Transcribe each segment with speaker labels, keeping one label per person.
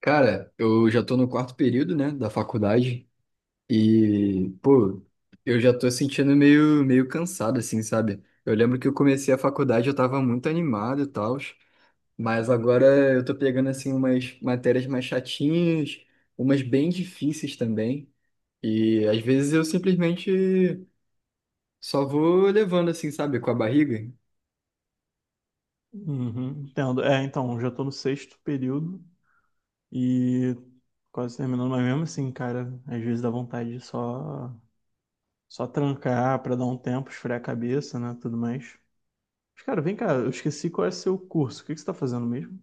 Speaker 1: Cara, eu já tô no quarto período, né, da faculdade e, pô, eu já tô sentindo meio cansado, assim, sabe? Eu lembro que eu comecei a faculdade, eu tava muito animado e tal, mas agora eu tô pegando, assim, umas matérias mais chatinhas, umas bem difíceis também, e às vezes eu simplesmente só vou levando, assim, sabe, com a barriga.
Speaker 2: Uhum, entendo. É, então, já tô no sexto período e quase terminando, mas mesmo assim, cara, às vezes dá vontade de só trancar pra dar um tempo, esfriar a cabeça, né, tudo mais. Mas, cara, vem cá, eu esqueci qual é seu curso. O que que você tá fazendo mesmo?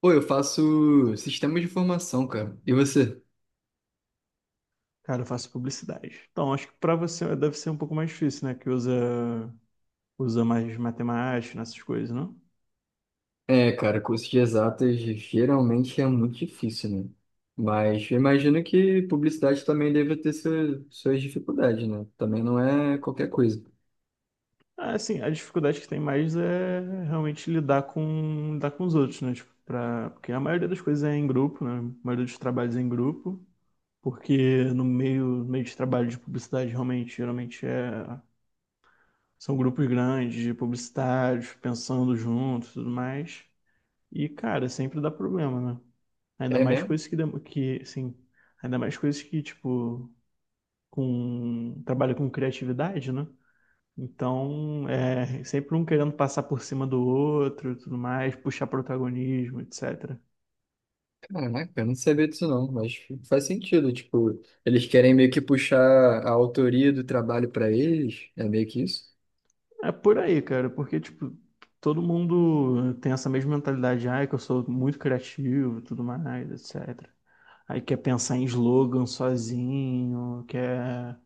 Speaker 1: Pô, eu faço sistemas de informação, cara, e você?
Speaker 2: Cara, eu faço publicidade. Então, acho que pra você deve ser um pouco mais difícil, né, que usa mais matemática, nessas coisas, né?
Speaker 1: É, cara, curso de exatas geralmente é muito difícil, né? Mas eu imagino que publicidade também deve ter suas dificuldades, né? Também não é qualquer coisa.
Speaker 2: Ah, assim, a dificuldade que tem mais é realmente lidar com os outros, né? Tipo, porque a maioria das coisas é em grupo, né? A maioria dos trabalhos é em grupo, porque no meio de trabalho de publicidade, realmente, geralmente é, são grupos grandes de publicitários, pensando juntos e tudo mais. E, cara, sempre dá problema, né? Ainda
Speaker 1: É
Speaker 2: mais
Speaker 1: mesmo?
Speaker 2: coisas que, que assim, ainda mais coisas que, tipo, trabalha com criatividade, né? Então, é sempre um querendo passar por cima do outro, e tudo mais, puxar protagonismo, etc.
Speaker 1: Caraca, eu não sabia disso não, mas faz sentido. Tipo, eles querem meio que puxar a autoria do trabalho pra eles, é meio que isso?
Speaker 2: É por aí, cara, porque tipo, todo mundo tem essa mesma mentalidade, ai, que eu sou muito criativo, e tudo mais, etc. Aí quer pensar em slogan sozinho, quer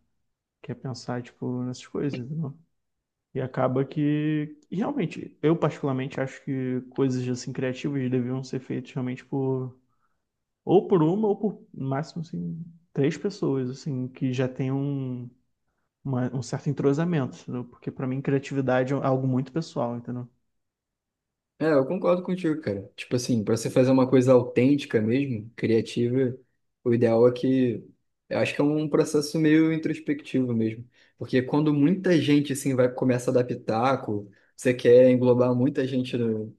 Speaker 2: quer pensar tipo nessas coisas, entendeu? E acaba que realmente, eu particularmente acho que coisas assim criativas deviam ser feitas realmente por ou por uma, ou por no máximo assim, três pessoas, assim, que já tem um, um certo entrosamento, entendeu? Porque pra mim criatividade é algo muito pessoal, entendeu?
Speaker 1: É, eu concordo contigo, cara. Tipo assim, pra você fazer uma coisa autêntica mesmo, criativa, o ideal é que. Eu acho que é um processo meio introspectivo mesmo. Porque quando muita gente, assim, vai começa a dar pitaco, você quer englobar muita gente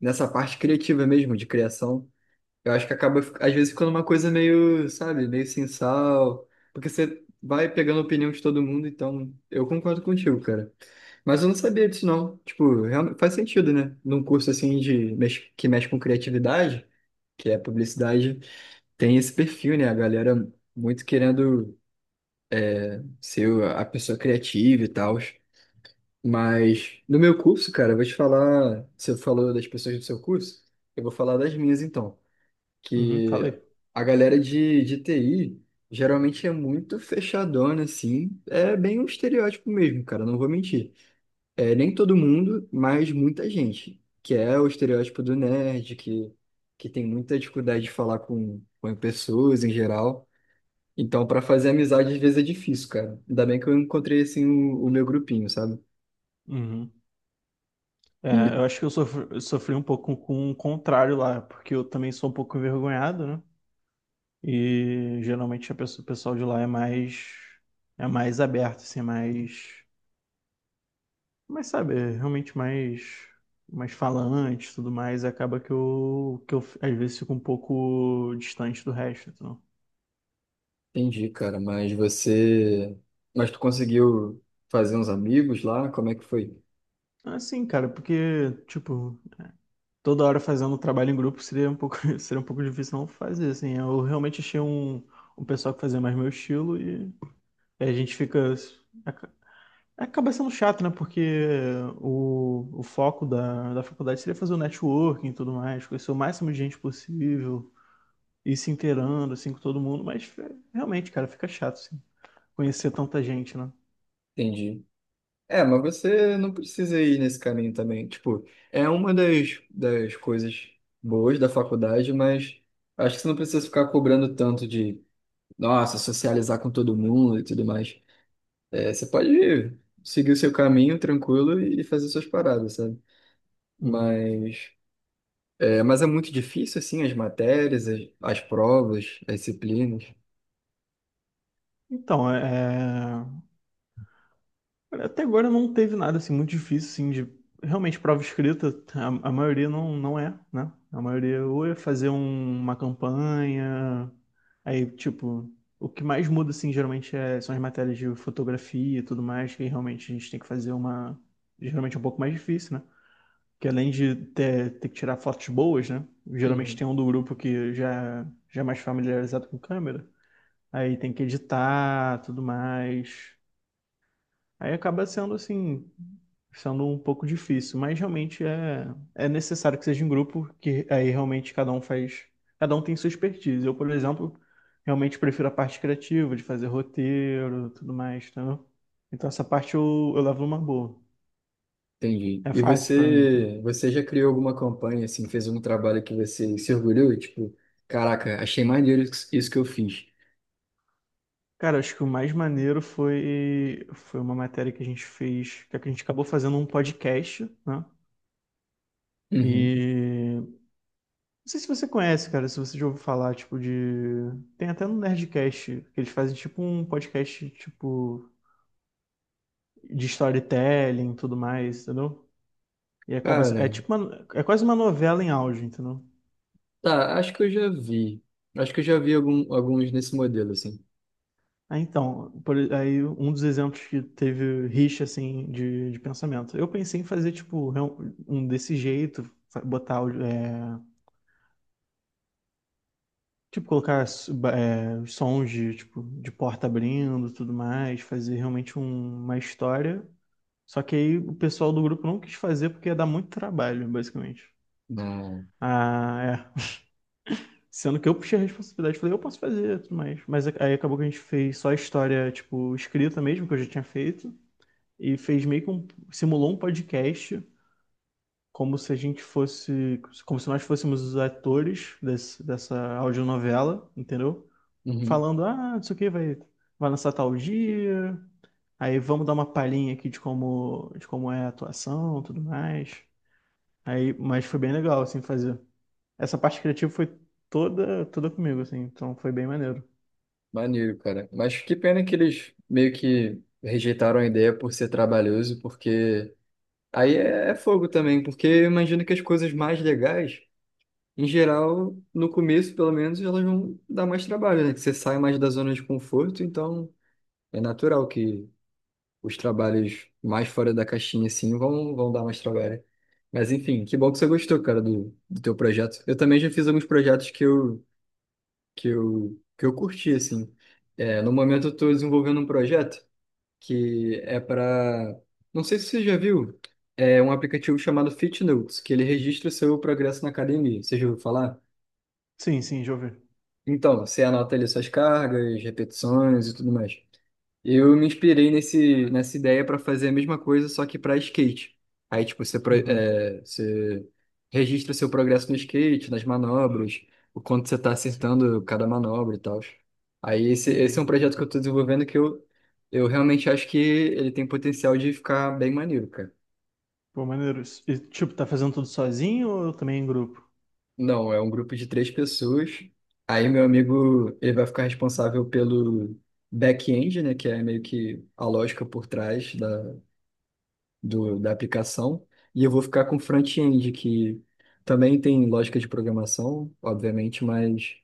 Speaker 1: nessa parte criativa mesmo, de criação. Eu acho que acaba, às vezes, ficando uma coisa meio, sabe, meio sem sal, porque você vai pegando a opinião de todo mundo, então eu concordo contigo, cara. Mas eu não sabia disso, não. Tipo, realmente faz sentido, né? Num curso assim de que mexe com criatividade, que é publicidade, tem esse perfil, né? A galera muito querendo ser a pessoa criativa e tal. Mas no meu curso, cara, eu vou te falar. Você falou das pessoas do seu curso, eu vou falar das minhas então
Speaker 2: Uhum,
Speaker 1: que
Speaker 2: falei.
Speaker 1: a galera de TI geralmente é muito fechadona, assim. É bem um estereótipo mesmo, cara, não vou mentir. É, nem todo mundo, mas muita gente, que é o estereótipo do nerd, que tem muita dificuldade de falar com pessoas em geral. Então, para fazer amizade, às vezes é difícil, cara. Ainda bem que eu encontrei, assim, o meu grupinho, sabe?
Speaker 2: Uhum.
Speaker 1: E
Speaker 2: É, eu acho que eu sofri um pouco com o contrário lá, porque eu também sou um pouco envergonhado, né? E geralmente o pessoal de lá é mais aberto, assim, é mais mas sabe, é realmente mais falante e tudo mais, acaba que eu às vezes fico um pouco distante do resto, então.
Speaker 1: entendi, cara, mas você... Mas tu conseguiu fazer uns amigos lá? Como é que foi?
Speaker 2: Assim, cara, porque, tipo, toda hora fazendo trabalho em grupo seria um pouco, seria um pouco difícil não fazer, assim. Eu realmente achei um pessoal que fazia mais meu estilo e a gente fica. aca- Acaba sendo chato, né? Porque o foco da faculdade seria fazer o networking e tudo mais, conhecer o máximo de gente possível. Ir se inteirando, assim, com todo mundo, mas é, realmente, cara, fica chato, assim, conhecer tanta gente, né?
Speaker 1: Entendi. É, mas você não precisa ir nesse caminho também. Tipo, é uma das coisas boas da faculdade, mas acho que você não precisa ficar cobrando tanto de, nossa, socializar com todo mundo e tudo mais. É, você pode seguir o seu caminho tranquilo e fazer suas paradas, sabe?
Speaker 2: Uhum.
Speaker 1: Mas mas é muito difícil, assim, as matérias, as provas, as disciplinas.
Speaker 2: Então, olha, até agora não teve nada, assim, muito difícil, assim, de... Realmente, prova escrita, a maioria não é, né? A maioria ou é fazer uma campanha, aí, tipo, o que mais muda, assim, geralmente são as matérias de fotografia e tudo mais, que realmente a gente tem que fazer uma. Geralmente é um pouco mais difícil, né? Que além de ter que tirar fotos boas, né? Geralmente tem um do grupo que já é mais familiarizado com câmera. Aí tem que editar, tudo mais. Aí acaba sendo assim, sendo um pouco difícil, mas realmente é necessário que seja em grupo, que aí realmente cada um faz, cada um tem sua expertise. Eu, por exemplo, realmente prefiro a parte criativa, de fazer roteiro, tudo mais, entendeu? Então essa parte eu levo uma boa.
Speaker 1: Entendi.
Speaker 2: É
Speaker 1: E
Speaker 2: fácil pra mim, entendeu?
Speaker 1: você já criou alguma campanha, assim, fez algum trabalho que você se orgulhou? E tipo, caraca, achei maneiro isso que eu fiz.
Speaker 2: Cara, acho que o mais maneiro foi uma matéria que a gente fez, que a gente acabou fazendo um podcast, né?
Speaker 1: Uhum.
Speaker 2: E não sei se você conhece, cara, se você já ouviu falar, tipo, de. Tem até no Nerdcast, que eles fazem tipo um podcast, tipo, de storytelling e tudo mais, entendeu? E acaba.
Speaker 1: Cara,
Speaker 2: É quase uma novela em áudio, entendeu?
Speaker 1: tá, acho que eu já vi. Acho que eu já vi alguns nesse modelo, assim.
Speaker 2: Ah, então, aí um dos exemplos que teve rixa, assim, de pensamento. Eu pensei em fazer, tipo, um desse jeito, botar áudio. Tipo, colocar sons de, tipo, de porta abrindo, tudo mais, fazer realmente uma história. Só que aí o pessoal do grupo não quis fazer porque ia dar muito trabalho, basicamente.
Speaker 1: Na...
Speaker 2: Ah, é. Sendo que eu puxei a responsabilidade, falei, eu posso fazer, tudo mais. Mas aí acabou que a gente fez só a história, tipo, escrita mesmo, que eu já tinha feito. E fez meio que simulou um podcast, como se a gente fosse, como se nós fôssemos os atores dessa audionovela, entendeu?
Speaker 1: Uhum.
Speaker 2: Falando, ah, não sei o que, vai lançar tal dia, aí vamos dar uma palhinha aqui de de como é a atuação, tudo mais. Aí, mas foi bem legal, assim, fazer. Essa parte criativa foi toda, toda comigo, assim, então foi bem maneiro.
Speaker 1: Maneiro, cara. Mas que pena que eles meio que rejeitaram a ideia por ser trabalhoso, porque aí é fogo também, porque eu imagino que as coisas mais legais, em geral, no começo, pelo menos, elas vão dar mais trabalho, né? Que você sai mais da zona de conforto, então é natural que os trabalhos mais fora da caixinha, assim, vão dar mais trabalho. Mas, enfim, que bom que você gostou, cara, do teu projeto. Eu também já fiz alguns projetos que eu curti, assim. É, no momento, eu estou desenvolvendo um projeto que é para... Não sei se você já viu, é um aplicativo chamado FitNotes, que ele registra o seu progresso na academia. Você já ouviu falar?
Speaker 2: Sim, sim, já ouvi.
Speaker 1: Então, você anota ali suas cargas, repetições e tudo mais. Eu me inspirei nessa ideia para fazer a mesma coisa, só que para skate. Aí, tipo, você,
Speaker 2: Uhum,
Speaker 1: você registra seu progresso no skate, nas manobras, o quanto você está
Speaker 2: sim,
Speaker 1: acertando cada manobra e tal. Aí, esse é
Speaker 2: entendi.
Speaker 1: um projeto que eu estou desenvolvendo que eu realmente acho que ele tem potencial de ficar bem maneiro, cara.
Speaker 2: Pô, maneiro. E, tipo, tá fazendo tudo sozinho ou também em grupo?
Speaker 1: Não, é um grupo de três pessoas. Aí meu amigo, ele vai ficar responsável pelo back-end, né, que é meio que a lógica por trás da aplicação. E eu vou ficar com o front-end, que também tem lógica de programação, obviamente, mas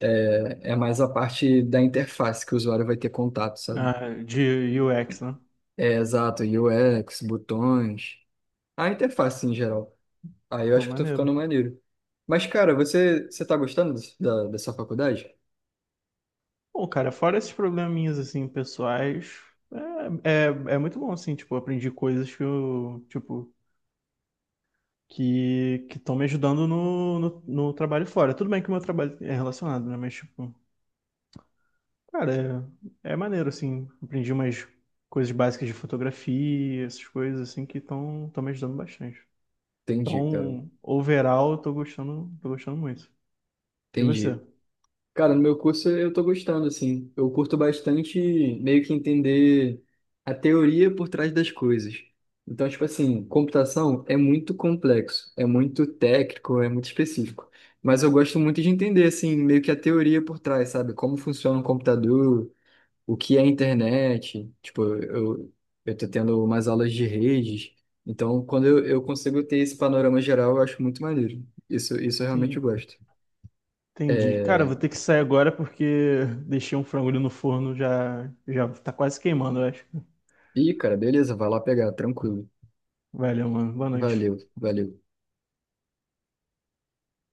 Speaker 1: é mais a parte da interface que o usuário vai ter contato, sabe?
Speaker 2: Ah, de UX, né?
Speaker 1: É, exato, UX, botões, a interface em geral. Aí eu
Speaker 2: Pô,
Speaker 1: acho que tô
Speaker 2: maneiro.
Speaker 1: ficando maneiro. Mas, cara, você tá gostando da sua faculdade?
Speaker 2: Bom, cara, fora esses probleminhas, assim, pessoais, é, é, é muito bom, assim, tipo, eu aprendi coisas que eu, tipo, que estão me ajudando no trabalho fora. Tudo bem que o meu trabalho é relacionado, né? Mas, tipo, cara, é maneiro, assim. Aprendi umas coisas básicas de fotografia, essas coisas, assim, que estão me ajudando bastante.
Speaker 1: Entendi, cara.
Speaker 2: Então, overall, eu tô gostando muito. E
Speaker 1: Entendi.
Speaker 2: você?
Speaker 1: Cara, no meu curso eu tô gostando, assim. Eu curto bastante meio que entender a teoria por trás das coisas. Então, tipo assim, computação é muito complexo, é muito técnico, é muito específico. Mas eu gosto muito de entender, assim, meio que a teoria por trás, sabe? Como funciona um computador, o que é a internet. Tipo, eu tô tendo umas aulas de redes. Então, quando eu consigo ter esse panorama geral, eu acho muito maneiro. Isso eu realmente
Speaker 2: Tem-
Speaker 1: gosto.
Speaker 2: Entendi. Cara, eu
Speaker 1: É...
Speaker 2: vou ter que sair agora porque deixei um frango ali no forno, já tá quase queimando, eu acho.
Speaker 1: Ih, cara, beleza, vai lá pegar, tranquilo.
Speaker 2: Valeu, mano. Boa noite.
Speaker 1: Valeu, valeu.